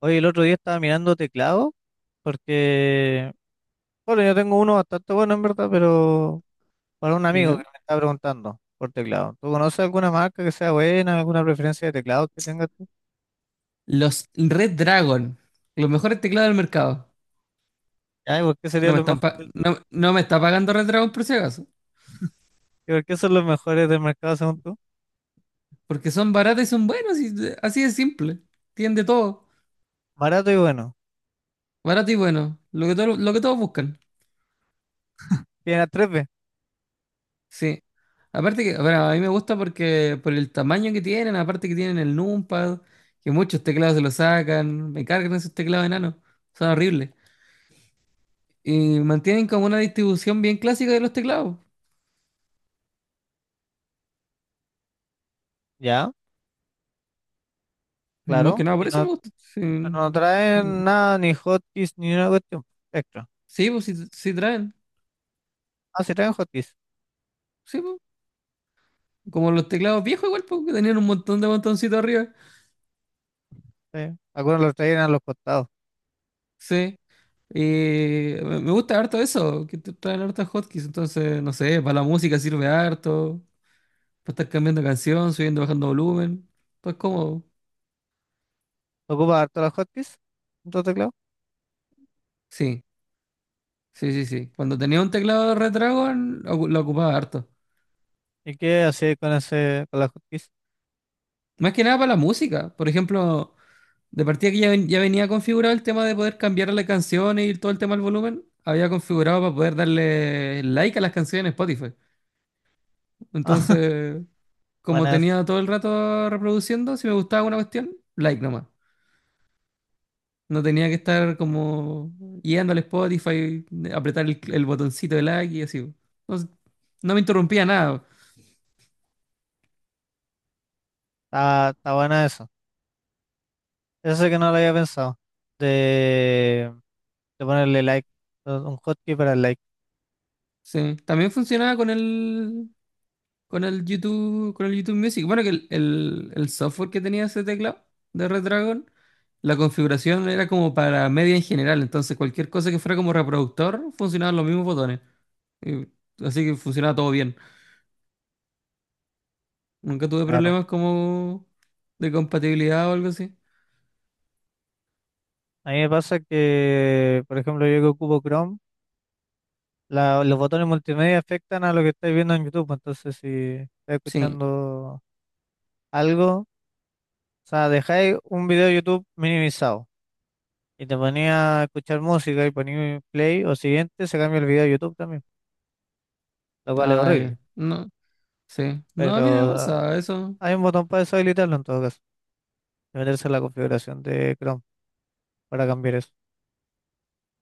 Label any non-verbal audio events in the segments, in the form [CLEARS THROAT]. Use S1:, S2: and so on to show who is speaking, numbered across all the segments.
S1: Oye, el otro día estaba mirando teclado porque, bueno, yo tengo uno bastante bueno en verdad, pero para un amigo
S2: ¿Ya?
S1: que me está preguntando por teclado. ¿Tú conoces alguna marca que sea buena, alguna preferencia de teclado que tengas tú?
S2: Los Red Dragon, los mejores teclados del mercado.
S1: Ay, ¿por qué serían los mejores?
S2: No me está pagando Red Dragon por si acaso.
S1: ¿Y por qué son los mejores del mercado según tú?
S2: Porque son baratos y son buenos, así de simple. Tienen de todo.
S1: Barato y bueno.
S2: Barato y bueno. Lo que todos buscan.
S1: Tiene a 3B.
S2: Sí. Aparte que, bueno, a mí me gusta porque por el tamaño que tienen, aparte que tienen el numpad, que muchos teclados se lo sacan, me cargan esos teclados enanos, son horribles. Y mantienen como una distribución bien clásica de los teclados.
S1: Ya,
S2: No
S1: claro.
S2: que nada,
S1: Y
S2: por eso
S1: no,
S2: me gusta. Sí.
S1: pero no traen nada, ni hotkeys, ni una cuestión extra.
S2: Sí, pues sí, sí traen.
S1: Ah, sí traen hotkeys.
S2: Sí, pues. Como los teclados viejos igual, pues, que tenían un montón de botoncitos arriba.
S1: Sí. Algunos los traen a los costados.
S2: Sí. Y me gusta harto eso, que te traen hartos hotkeys. Entonces, no sé, para la música sirve harto. Para estar cambiando canción, subiendo, bajando volumen. Pues cómodo.
S1: ¿Ocupas harto las hotkeys? ¿En tu teclado?
S2: Sí, sí, sí, sí. Cuando tenía un teclado de Red Dragon, lo ocupaba harto.
S1: ¿Y qué hacía con ese, con la justicia?
S2: Más que nada para la música. Por ejemplo, de partida que ya, ya venía configurado el tema de poder cambiar las canciones y todo el tema del volumen, había configurado para poder darle like a las canciones en Spotify.
S1: [LAUGHS]
S2: Entonces, como
S1: Buena,
S2: tenía todo el rato reproduciendo, si me gustaba una cuestión, like nomás. No tenía que estar como yendo al Spotify, apretar el botoncito de like y así. No, no me interrumpía nada.
S1: está, está buena eso. Eso sí que no lo había pensado. De, de ponerle like, un hotkey para el like,
S2: Sí. También funcionaba con el YouTube, con el YouTube Music. Bueno, que el software que tenía ese teclado de Redragon, la configuración era como para media en general, entonces cualquier cosa que fuera como reproductor funcionaban los mismos botones. Y- Así que funcionaba todo bien. Nunca tuve
S1: claro.
S2: problemas como de compatibilidad o algo así.
S1: A mí me pasa que, por ejemplo, yo que ocupo Chrome, los botones multimedia afectan a lo que estáis viendo en YouTube. Entonces, si estáis
S2: Sí,
S1: escuchando algo, o sea, dejáis un video de YouTube minimizado y te ponía a escuchar música y ponía play o siguiente, se cambia el video de YouTube también, lo cual es
S2: ah, ya.
S1: horrible.
S2: No, sí. No, a mí no me
S1: Pero
S2: pasa eso.
S1: hay un botón para deshabilitarlo en todo caso, de meterse en la configuración de Chrome para cambiar eso.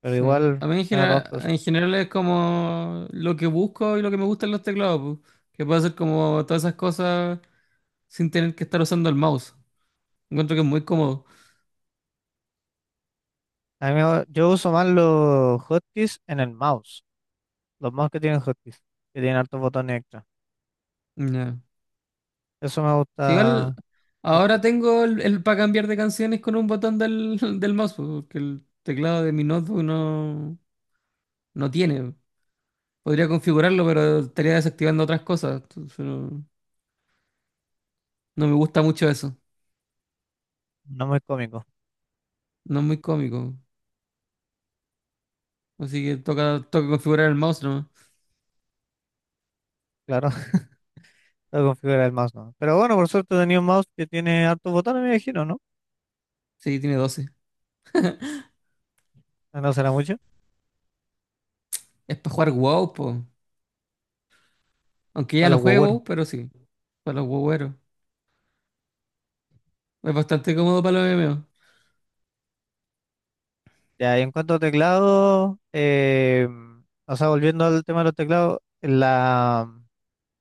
S1: Pero
S2: Sí.
S1: igual,
S2: A mí
S1: medio tontos.
S2: en general es como lo que busco y lo que me gustan los teclados, pues. Que puede ser como todas esas cosas sin tener que estar usando el mouse. Encuentro que es muy cómodo.
S1: Yo uso más los hotkeys en el mouse, los mouse que tienen hotkeys, que tienen hartos botones extra.
S2: Ya.
S1: Eso me
S2: Si igual,
S1: gusta harto.
S2: ahora tengo para cambiar de canciones con un botón del, [LAUGHS] del mouse, pues, porque el teclado de mi notebook no tiene. Podría configurarlo, pero estaría desactivando otras cosas. Entonces, no, no me gusta mucho eso.
S1: No muy cómico,
S2: No es muy cómico. Así que toca, toca configurar el mouse nomás.
S1: claro. [LAUGHS] Para configurar el mouse no. Pero bueno, por suerte tenía un mouse que tiene hartos botones, me imagino, ¿no?
S2: Sí, tiene 12.
S1: No será mucho,
S2: Es para jugar WoW, po. Aunque ya
S1: para
S2: no
S1: los
S2: juego
S1: huevueros.
S2: WoW, pero sí, para los WoWeros. Es bastante cómodo para los MMO.
S1: Ya, y en cuanto a teclado, o sea, volviendo al tema de los teclados, la,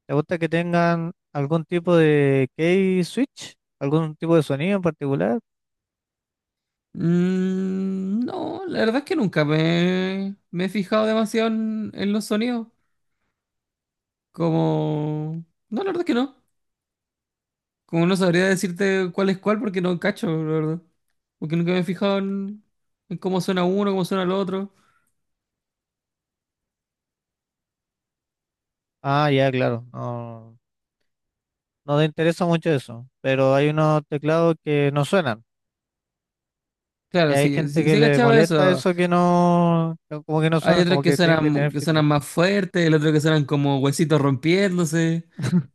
S1: ¿te gusta que tengan algún tipo de key switch? ¿Algún tipo de sonido en particular?
S2: No, la verdad es que nunca me he fijado demasiado en los sonidos. Como... No, la verdad es que no. Como no sabría decirte cuál es cuál porque no cacho, la verdad. Porque nunca me he fijado en cómo suena uno, cómo suena el otro.
S1: Ah, ya, claro. No, no te interesa mucho eso. Pero hay unos teclados que no suenan. Y
S2: Claro,
S1: hay
S2: sí,
S1: gente
S2: sí,
S1: que
S2: sí he
S1: le
S2: cachado
S1: molesta
S2: eso.
S1: eso, que no, que como que no
S2: Hay
S1: suenan,
S2: otros
S1: como
S2: que
S1: que tienen que tener
S2: suenan, que
S1: feedback.
S2: suenan más fuertes, el otro que suenan como huesitos rompiéndose
S1: [LAUGHS]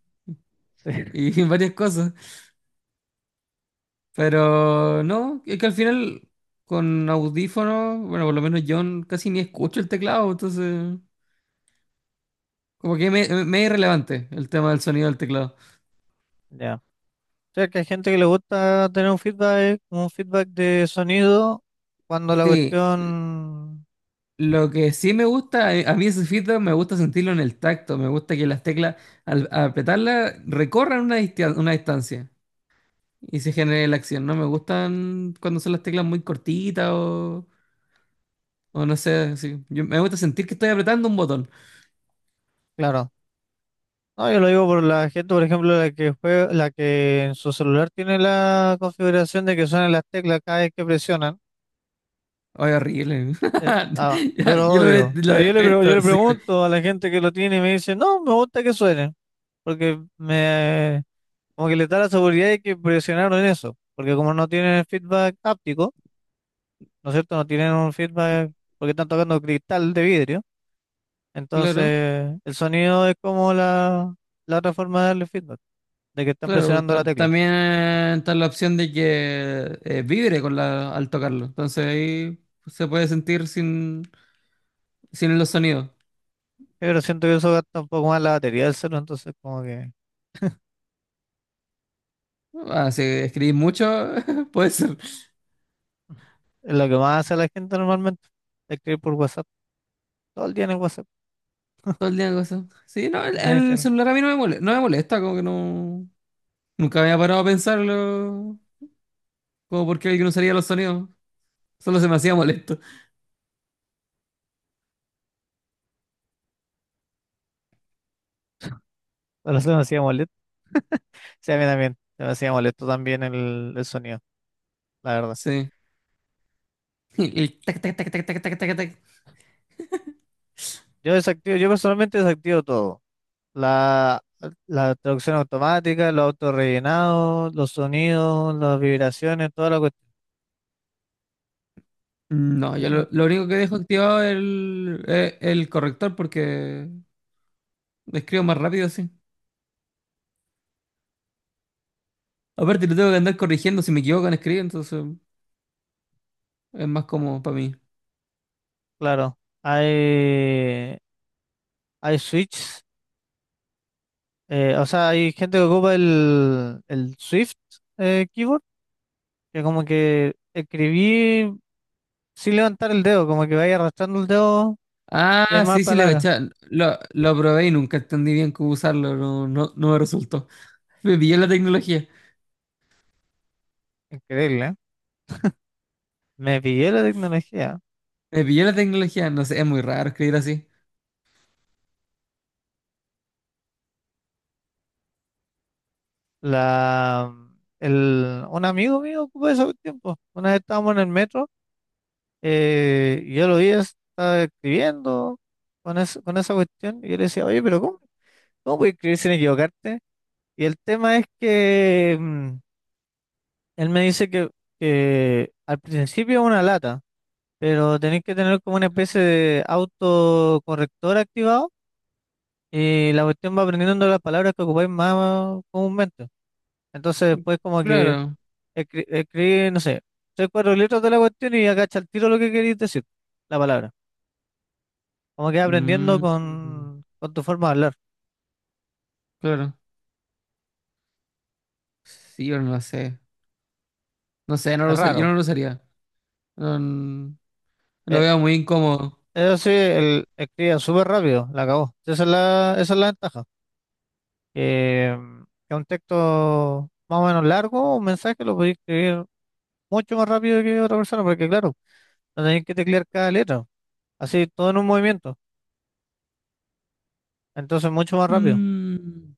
S1: Sí,
S2: y [LAUGHS] varias cosas. Pero no, es que al final con audífonos, bueno, por lo menos yo casi ni escucho el teclado, entonces como que me es irrelevante el tema del sonido del teclado.
S1: ya. O sea, que hay gente que le gusta tener un feedback de sonido cuando la
S2: Sí,
S1: cuestión,
S2: lo que sí me gusta, a mí ese feedback me gusta sentirlo en el tacto, me gusta que las teclas al apretarlas recorran una distancia y se genere la acción. No me gustan cuando son las teclas muy cortitas o no sé, sí. Me gusta sentir que estoy apretando un botón.
S1: claro. No, yo lo digo por la gente, por ejemplo, la que juega, la que en su celular tiene la configuración de que suenan las teclas cada vez que presionan.
S2: Ay, horrible. [LAUGHS]
S1: Yo
S2: Ya,
S1: lo
S2: Yo lo, de-
S1: odio.
S2: lo
S1: Pero yo yo
S2: detesto,
S1: le
S2: sí.
S1: pregunto a la gente que lo tiene y me dice, no, me gusta que suenen. Porque me, como que le da la seguridad de que presionaron en eso. Porque como no tienen feedback áptico, ¿no es cierto? No tienen un feedback porque están tocando cristal de vidrio.
S2: Claro,
S1: Entonces, el sonido es como la otra forma de darle feedback, de que están
S2: claro.
S1: presionando la tecla.
S2: También está la opción de que vibre al tocarlo. Entonces ahí se puede sentir sin los sonidos.
S1: Pero siento que eso gasta un poco más la batería del celular, entonces como que
S2: Ah, si escribís mucho, [LAUGHS] puede ser.
S1: es lo que más hace la gente normalmente. Escribir por WhatsApp, todo el día en el WhatsApp.
S2: Todo el día cosas. Sí, no, el,
S1: Nadie se,
S2: el celular a mí no me molesta, no me molesta, como que no. Nunca me había parado a pensarlo. Como por qué alguien usaría los sonidos. Solo se me hacía molesto.
S1: pero se me hacía molesto. Sí, a mí también. Se me hacía molesto también el sonido, la verdad.
S2: Sí. [LAUGHS] El tac, tac, tac, tac, tac, tac, tac, tac.
S1: Yo desactivo, yo personalmente desactivo todo. La, la traducción automática, los autorrellenados, los sonidos, las vibraciones, toda la cuestión.
S2: No, yo
S1: Eh,
S2: lo, lo único que dejo activado es el corrector porque escribo más rápido así. Aparte, lo tengo que andar corrigiendo si me equivoco en escribir, entonces es más cómodo para mí.
S1: Claro, hay, hay switches. O sea, hay gente que ocupa el Swift keyboard, que como que escribí sin levantar el dedo, como que vaya arrastrando el dedo y hay
S2: Ah,
S1: más
S2: sí, sí, le
S1: palabras.
S2: cachaba. Lo probé y nunca entendí bien cómo usarlo, no, no, no me resultó. Me pilló la tecnología.
S1: Increíble, ¿eh? Me pillé la tecnología.
S2: Me pilló la tecnología, no sé, es muy raro escribir así.
S1: El, un amigo mío ocupó eso tiempo. Una vez estábamos en el metro y yo lo vi, estaba escribiendo con esa cuestión y yo le decía, oye, pero ¿cómo, cómo puedes escribir sin equivocarte? Y el tema es que... él me dice que al principio es una lata, pero tenéis que tener como una especie de autocorrector activado y la cuestión va aprendiendo las palabras que ocupáis más comúnmente. Entonces después como que
S2: Claro.
S1: escribí, no sé, tres, cuatro letras de la cuestión y agacha al tiro lo que queréis decir, la palabra. Como que vas aprendiendo
S2: Mm,
S1: con tu forma de hablar.
S2: claro. Sí, yo no sé. No sé, no lo
S1: Es
S2: usaría, yo
S1: raro.
S2: no lo usaría. No, no, lo
S1: Eh,
S2: veo muy incómodo.
S1: Eso sí, él escribía súper rápido, la acabó. Esa es la ventaja. Eh, es un texto más o menos largo, un mensaje lo podéis escribir mucho más rápido que otra persona, porque claro, no tenéis que teclear cada letra, así todo en un movimiento, entonces mucho más rápido.
S2: Mm.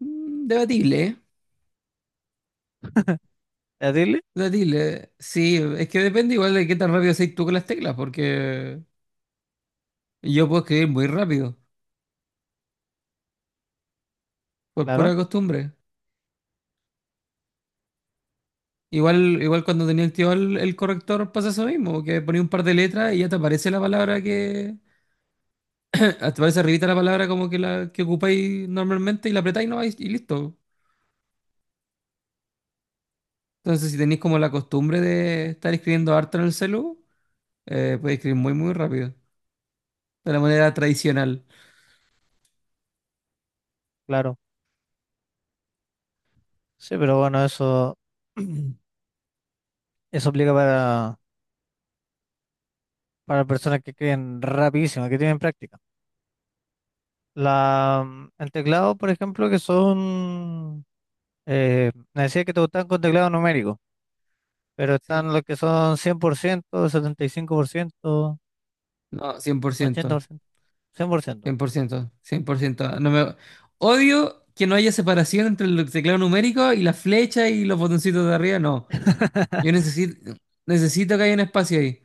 S2: Debatible, ¿eh?
S1: ¿Es decirle?
S2: Debatible. Sí, es que depende igual de qué tan rápido seas tú con las teclas, porque yo puedo escribir muy rápido, por
S1: Claro,
S2: pura costumbre. Igual, cuando tenía activado el corrector pasa eso mismo, que ponía un par de letras y ya te aparece la palabra que... [LAUGHS] Te aparece arribita la palabra como que la que ocupáis normalmente y la apretáis no, y listo. Entonces si tenéis como la costumbre de estar escribiendo harto en el celu, podéis escribir muy muy rápido, de la manera tradicional.
S1: claro. Sí, pero bueno, eso, [CLEARS THROAT] eso aplica para personas que escriben rapidísimo, que tienen práctica. El teclado, por ejemplo, que son, me decía que te gustan con teclado numérico, pero
S2: Sí.
S1: están los que son cien por ciento, setenta y cinco por ciento,
S2: No, cien por
S1: ochenta por
S2: ciento.
S1: ciento, cien por ciento.
S2: Cien por ciento. Odio que no haya separación entre el teclado numérico y la flecha y los botoncitos de arriba. No, yo
S1: [LAUGHS]
S2: necesito, que haya un espacio ahí.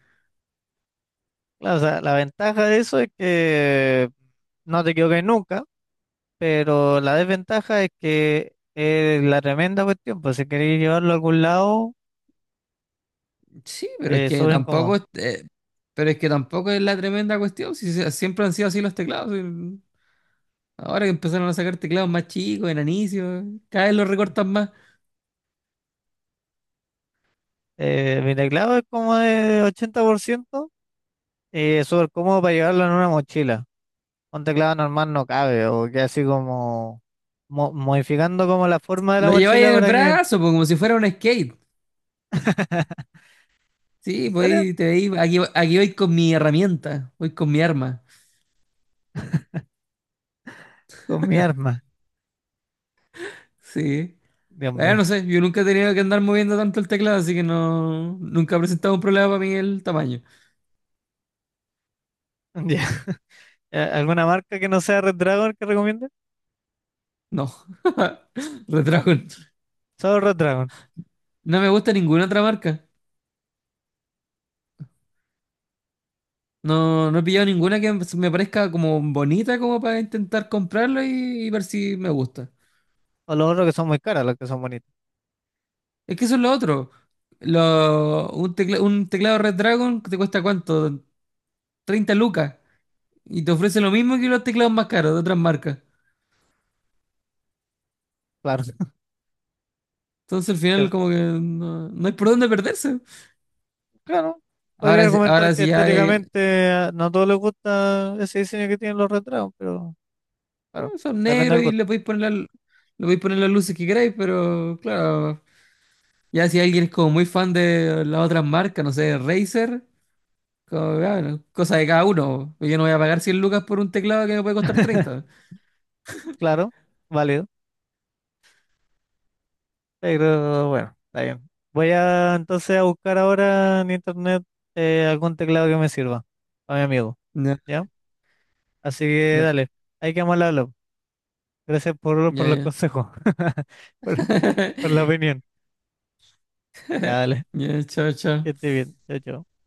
S1: Claro, o sea, la ventaja de eso es que no te equivoques nunca, pero la desventaja es que es la tremenda cuestión, pues si queréis llevarlo a algún lado,
S2: Sí, pero es que
S1: sobre
S2: tampoco,
S1: incómodo.
S2: pero es que tampoco es la tremenda cuestión. Siempre han sido así los teclados. Y ahora que empezaron a sacar teclados más chicos, enanicios, cada vez los recortan más.
S1: Mi teclado es como de 80%, es súper cómodo para llevarlo en una mochila. Un teclado normal no cabe, o que así como modificando como la forma de la
S2: Lo lleváis
S1: mochila
S2: en el
S1: para que... ¿En
S2: brazo, pues, como si fuera un skate. Sí, pues
S1: serio?
S2: ahí te veis, aquí, aquí voy con mi herramienta, voy con mi arma.
S1: Con mi arma,
S2: Sí.
S1: Dios mío.
S2: No sé, yo nunca he tenido que andar moviendo tanto el teclado, así que no, nunca ha presentado un problema para mí el tamaño.
S1: [LAUGHS] Ya. ¿Alguna marca que no sea Red Dragon que recomiende?
S2: No, [LAUGHS] Redragon.
S1: Solo Red Dragon.
S2: No me gusta ninguna otra marca. No, no he pillado ninguna que me parezca como bonita como para intentar comprarlo y ver si me gusta.
S1: O los otros que son muy caras, los que son bonitos.
S2: Es que eso es lo otro. Un teclado Redragon te cuesta, ¿cuánto? 30 lucas. Y te ofrece lo mismo que los teclados más caros de otras marcas.
S1: Claro. [LAUGHS]
S2: Entonces al final
S1: Pero,
S2: como que no, no hay por dónde perderse.
S1: claro. Podría
S2: Ahora,
S1: argumentar
S2: ahora
S1: que
S2: si ya hay.
S1: estéticamente no a todos les gusta ese diseño que tienen los Red Dragon, pero claro,
S2: Son
S1: depende
S2: negros
S1: del
S2: y
S1: gusto.
S2: le podéis poner las luces que queráis, pero claro, ya si alguien es como muy fan de las otras marcas, no sé, Razer, como, ya, bueno, cosa de cada uno. Yo no voy a pagar 100 lucas por un teclado que me puede costar 30.
S1: [LAUGHS] Claro, válido. Pero bueno, está bien. Voy a entonces a buscar ahora en internet algún teclado que me sirva a mi amigo,
S2: Ya,
S1: ¿ya? Así que
S2: ya,
S1: dale, ahí quedamos al habla. Gracias por
S2: ya,
S1: los
S2: ya.
S1: consejos, [LAUGHS] por, por la
S2: [LAUGHS]
S1: opinión. Ya, dale.
S2: Ya, chao, chao.
S1: Esté bien. Chao, chao.